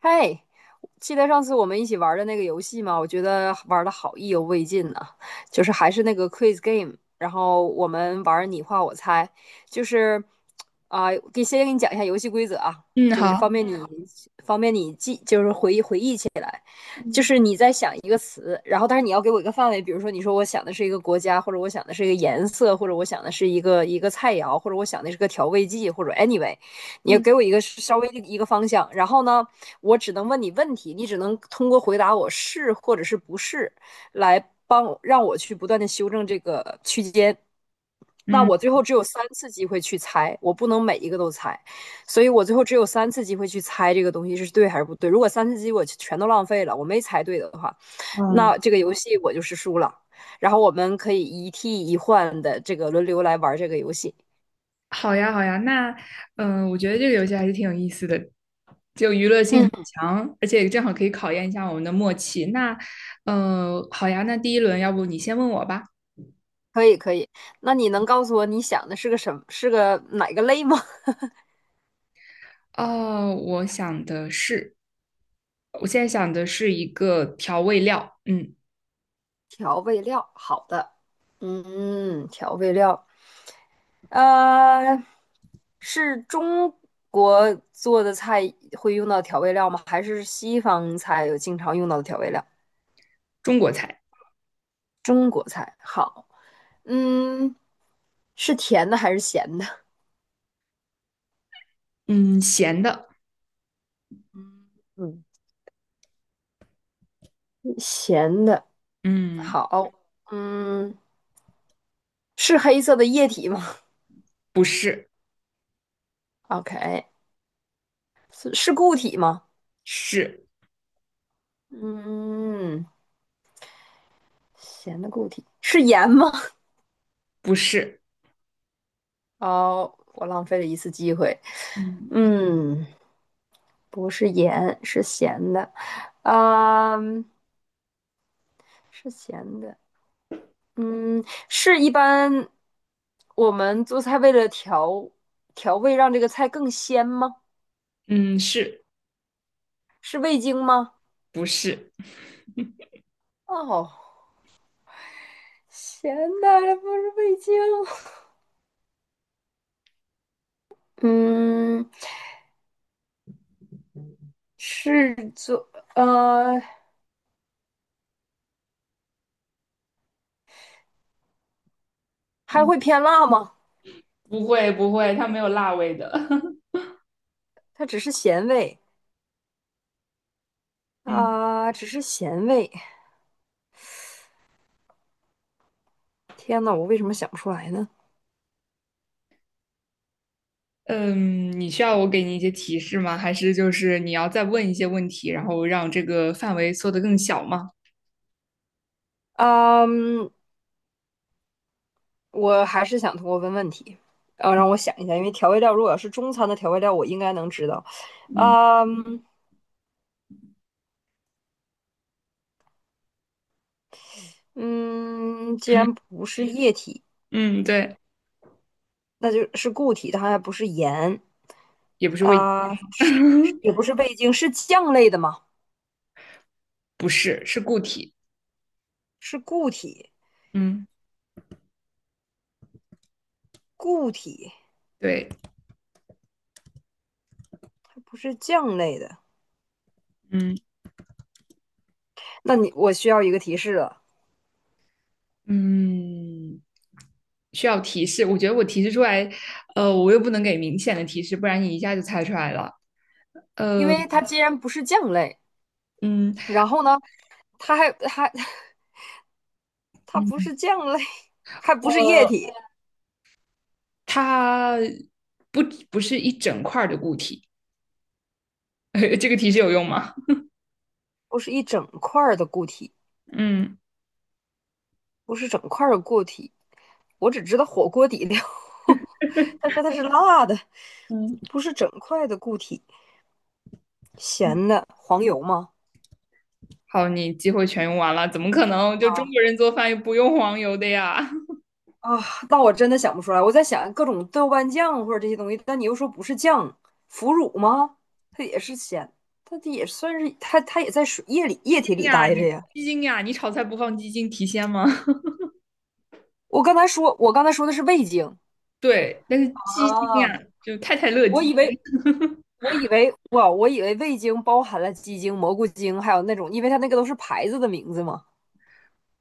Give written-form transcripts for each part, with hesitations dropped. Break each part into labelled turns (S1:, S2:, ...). S1: 嗨，记得上次我们一起玩的那个游戏吗？我觉得玩的好意犹未尽呢、就是还是那个 quiz game，然后我们玩你画我猜，就是啊，给、先给你讲一下游戏规则啊，
S2: 嗯，
S1: 就是方
S2: 好。
S1: 便你方便你记，就是回忆起。就
S2: 嗯
S1: 是你在想一个词，然后但是你要给我一个范围，比如说你说我想的是一个国家，或者我想的是一个颜色，或者我想的是一个菜肴，或者我想的是个调味剂，或者 anyway，你要给
S2: 嗯
S1: 我一个稍微的一个方向，然后呢，我只能问你问题，你只能通过回答我是或者是不是来帮我让我去不断的修正这个区间。那
S2: 嗯
S1: 我最后只有三次机会去猜，我不能每一个都猜。所以我最后只有三次机会去猜这个东西是对还是不对。如果三次机会我全都浪费了，我没猜对的话，
S2: 嗯，
S1: 那这个游戏我就是输了。然后我们可以一替一换的这个轮流来玩这个游戏。
S2: 好呀，好呀。那我觉得这个游戏还是挺有意思的，性很
S1: 嗯，
S2: 强，而且正好可以考验一下我们的默契。那好呀，那第一轮要不你先问我吧？
S1: 可以可以。那你能告诉我你想的是个什么？是个哪个类吗？
S2: 哦，我现在想的是一个调味料。嗯，
S1: 调味料，好的。嗯，调味料，呃，是中国做的菜会用到调味料吗？还是西方菜有经常用到的调味料？
S2: 中国菜。
S1: 中国菜，好，嗯，是甜的还是咸的？
S2: 嗯，咸的。
S1: 嗯，咸的，
S2: 嗯，
S1: 好，嗯，是黑色的液体吗
S2: 不是。
S1: ？OK，是固体吗？
S2: 是。
S1: 嗯，咸的固体是盐吗？
S2: 不是？
S1: 哦，我浪费了一次机会。
S2: 嗯。
S1: 嗯，不是盐，是咸的，嗯，是咸的。嗯，是一般我们做菜为了调味，让这个菜更鲜吗？
S2: 嗯，是。
S1: 是味精吗？
S2: 不是？
S1: 哦，咸的不是味精。嗯，是做呃，还会
S2: 嗯，
S1: 偏辣吗？
S2: 不会不会，它没有辣味的。
S1: 它只是咸味
S2: 嗯。
S1: 啊，只是咸味。天呐，我为什么想不出来呢？
S2: 嗯，你需要我给你一些提示吗？还是就是你要再问一些问题，然后让这个范围缩得更小吗？
S1: 啊嗯，我还是想通过问问题，啊，让我想一下，因为调味料如果要是中餐的调味料，我应该能知道。
S2: 嗯。
S1: 啊嗯。嗯，既然不是液体，
S2: 嗯，对，
S1: 那就是固体，它还不是盐
S2: 也不是味。
S1: 啊，是 也不是味精，是酱类的吗？
S2: 不是，是固体。
S1: 是固体，
S2: 嗯，
S1: 固体，
S2: 对。
S1: 它不是酱类的。
S2: 嗯
S1: 那你我需要一个提示了，
S2: 嗯，需要提示。我觉得我提示出来，我又不能给明显的提示，不然你一下就猜出来了。
S1: 因
S2: 呃，
S1: 为它既然不是酱类，
S2: 嗯
S1: 然后呢，它还 它不
S2: 嗯，
S1: 是酱类，还不是液
S2: 呃，
S1: 体，
S2: 它不不是一整块儿的固体。这个提示有用吗？
S1: 不是一整块儿的固体，
S2: 嗯。
S1: 不是整块儿的固体，我只知道火锅底料，但是它是辣的，
S2: 嗯。
S1: 不是整块的固体，咸的黄油吗？
S2: 好，你机会全用完了，怎么可能？就中
S1: 啊
S2: 国人做饭又不用黄油的呀？
S1: 啊，那我真的想不出来。我在想各种豆瓣酱或者这些东西，但你又说不是酱，腐乳吗？它也是咸，它也算是它也在水液里
S2: 鸡
S1: 液体
S2: 精
S1: 里
S2: 呀，
S1: 待
S2: 你
S1: 着呀。
S2: 鸡精呀，你炒菜不放鸡精提鲜吗？
S1: 我刚才说的是味精
S2: 对，但是鸡精
S1: 啊，
S2: 呀，就太太乐
S1: 我
S2: 鸡
S1: 以
S2: 精。
S1: 为我以为味精包含了鸡精、蘑菇精，还有那种，因为它那个都是牌子的名字嘛。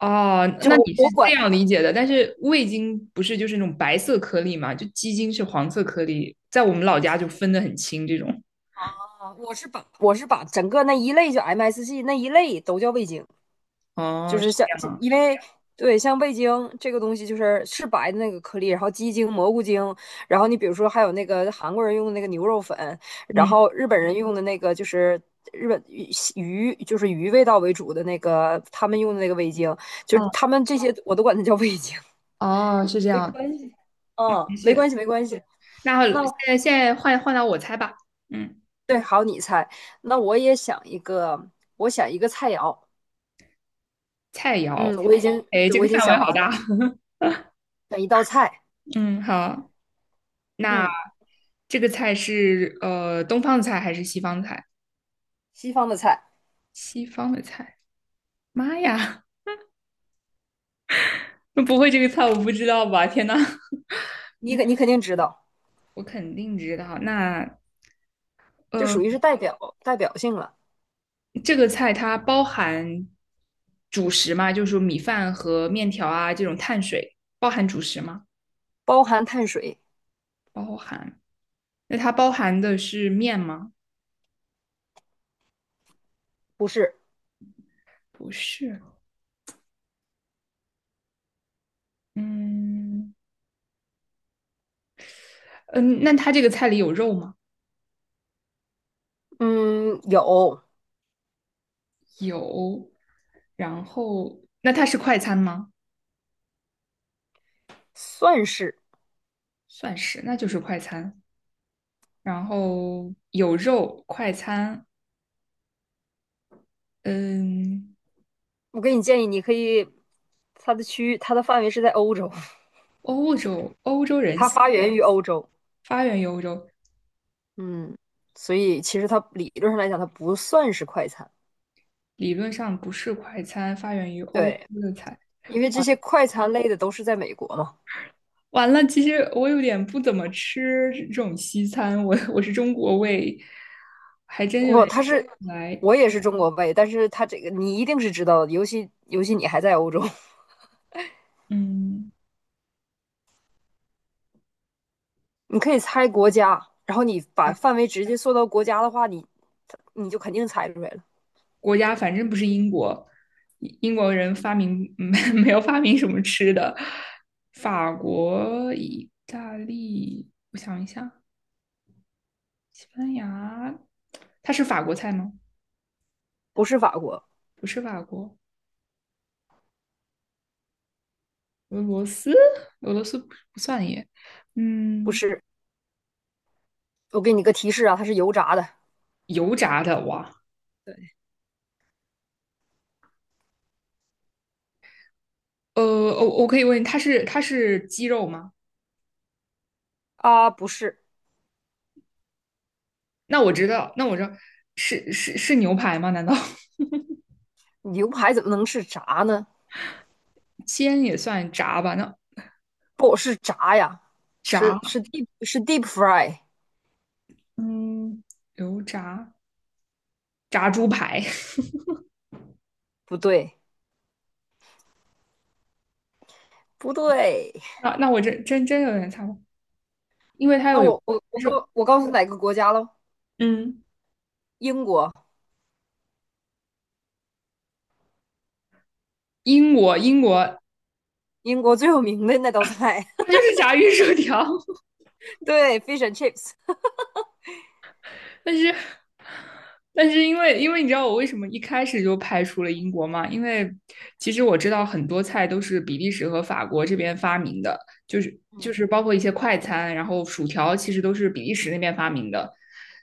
S2: 哦，
S1: 就
S2: 那
S1: 我
S2: 你是
S1: 我
S2: 这
S1: 管
S2: 样理解的，但是味精不是就是那种白色颗粒嘛？就鸡精是黄色颗粒，在我们老家就分得很清这种。
S1: 啊，我是把整个那一类就 MSG 那一类都叫味精，就
S2: 哦，是
S1: 是像
S2: 这样。
S1: 因为对像味精这个东西是白的那个颗粒，然后鸡精、蘑菇精，然后你比如说还有那个韩国人用的那个牛肉粉，然
S2: 嗯，
S1: 后日本人用的那个就是日本鱼鱼味道为主的那个他们用的那个味精，就是
S2: 哦。
S1: 他们这些我都管它叫味精，
S2: 哦，是这
S1: 没
S2: 样。
S1: 关系，嗯，
S2: 没事，
S1: 没关系。
S2: 那
S1: 那
S2: 现在换到我猜吧。嗯，
S1: 对，好，你猜，那我也想一个，我想一个菜肴。
S2: 菜
S1: 嗯，
S2: 肴。哎，这个
S1: 我已经
S2: 范围
S1: 想
S2: 好
S1: 完
S2: 大。
S1: 了，选一道菜，
S2: 嗯，好。那
S1: 嗯，
S2: 这个菜是东方的菜还是西方的菜？
S1: 西方的菜，
S2: 西方的菜。妈呀，那不会这个菜我不知道吧？天呐，
S1: 你肯定知道，
S2: 我肯定知道。那
S1: 就
S2: 呃，
S1: 属于是代表性了，
S2: 这个菜它包含主食吗？就是说米饭和面条啊这种碳水，包含主食吗？
S1: 包含碳水，
S2: 包含。那它包含的是面吗？
S1: 不是，
S2: 不是。嗯。嗯，那它这个菜里有肉吗？
S1: 嗯，有，
S2: 有。然后，那它是快餐吗？
S1: 算是，
S2: 算是，那就是快餐。然后有肉快餐。嗯，
S1: 我给你建议，你可以，它的区域，它的范围是在欧洲，
S2: 欧洲人
S1: 它发源于欧洲，
S2: 发源于欧洲。
S1: 嗯，所以其实它理论上来讲，它不算是快餐，
S2: 理论上不是快餐，发源于欧洲
S1: 对，
S2: 的菜。
S1: 因为这些快餐类的都是在美国嘛。
S2: 完了，其实我有点不怎么吃这种西餐，我是中国胃，还真有
S1: 不，
S2: 点
S1: 他
S2: 想
S1: 是
S2: 不来。
S1: 我也是中国胃，但是他这个你一定是知道的，尤其你还在欧洲，
S2: 嗯，
S1: 你可以猜国家，然后你把范围直接缩到国家的话，你就肯定猜出来了，
S2: 国家，反正不是英国。英国人发明没 没有发明什么吃的。法国、意大利，我想一下，西班牙。它是法国菜吗？
S1: 不是法国，
S2: 不是法国。俄罗斯，俄罗斯不算耶。
S1: 不
S2: 嗯，
S1: 是。我给你个提示啊，它是油炸的。
S2: 油炸的哇。
S1: 对
S2: 我可以问，它是鸡肉吗？
S1: 啊，不是
S2: 那我知道，那我知道是牛排吗？难道
S1: 牛排怎么能是炸呢？
S2: 煎也算炸吧？那
S1: 不是炸呀，是
S2: 炸。
S1: 是 deep 是 deep fry，
S2: 嗯，油炸炸猪排。
S1: 不对不对。
S2: 那那我真真真有点猜不，因为它有
S1: 那
S2: 肉。
S1: 我告诉你哪个国家喽？
S2: 嗯，
S1: 英国，
S2: 英国，英国，
S1: 英国最有名的那道菜，
S2: 那就是炸鱼薯条。
S1: 对，fish and chips。
S2: 但是，但是因为你知道我为什么一开始就排除了英国吗？因为其实我知道很多菜都是比利时和法国这边发明的，就是就
S1: 嗯
S2: 是包括一些快餐，然后薯条其实都是比利时那边发明的。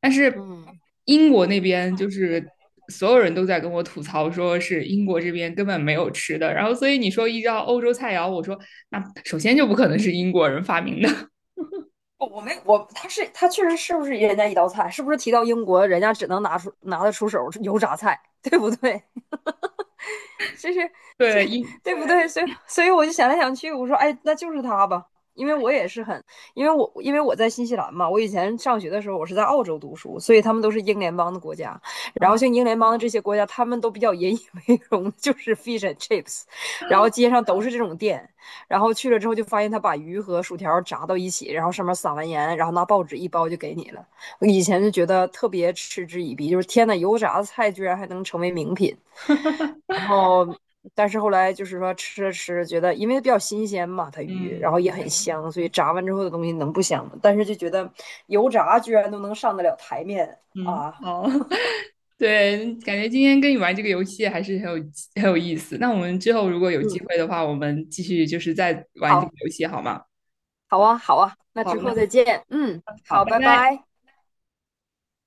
S2: 但是
S1: 嗯，
S2: 英国那边就是所有人都在跟我吐槽，说是英国这边根本没有吃的。然后所以你说依照欧洲菜肴，我说那首先就不可能是英国人发明的。
S1: 我我没我，他确实是不是人家一道菜？是不是提到英国，人家只能拿得出手油炸菜，对不对？这是
S2: 对，英。
S1: 对不对？所以，所以我就想来想去，我说，哎，那就是他吧，因为我也是很，因为我在新西兰嘛，我以前上学的时候，我是在澳洲读书，所以他们都是英联邦的国家，然后像英联邦的这些国家，他们都比较引以为荣，就是 fish and chips，然后街上都是这种店，然后去了之后就发现他把鱼和薯条炸到一起，然后上面撒完盐，然后拿报纸一包就给你了。我以前就觉得特别嗤之以鼻，就是天呐，油炸的菜居然还能成为名品。然后，但是后来就是说吃着吃着觉得，因为比较新鲜嘛，它鱼，然后
S2: 嗯。
S1: 也很香，所以炸完之后的东西能不香吗？但是就觉得油炸居然都能上得了台面
S2: 嗯，
S1: 啊！
S2: 好。对，感觉今天跟你玩这个游戏还是很有意思。那我们之后如果有机
S1: 嗯，
S2: 会的话，我们继续再玩这
S1: 好，
S2: 个游戏好吗？
S1: 好啊，好啊，那
S2: 好，
S1: 之
S2: 那
S1: 后再见。嗯，
S2: 好，
S1: 好，
S2: 拜
S1: 拜
S2: 拜。
S1: 拜。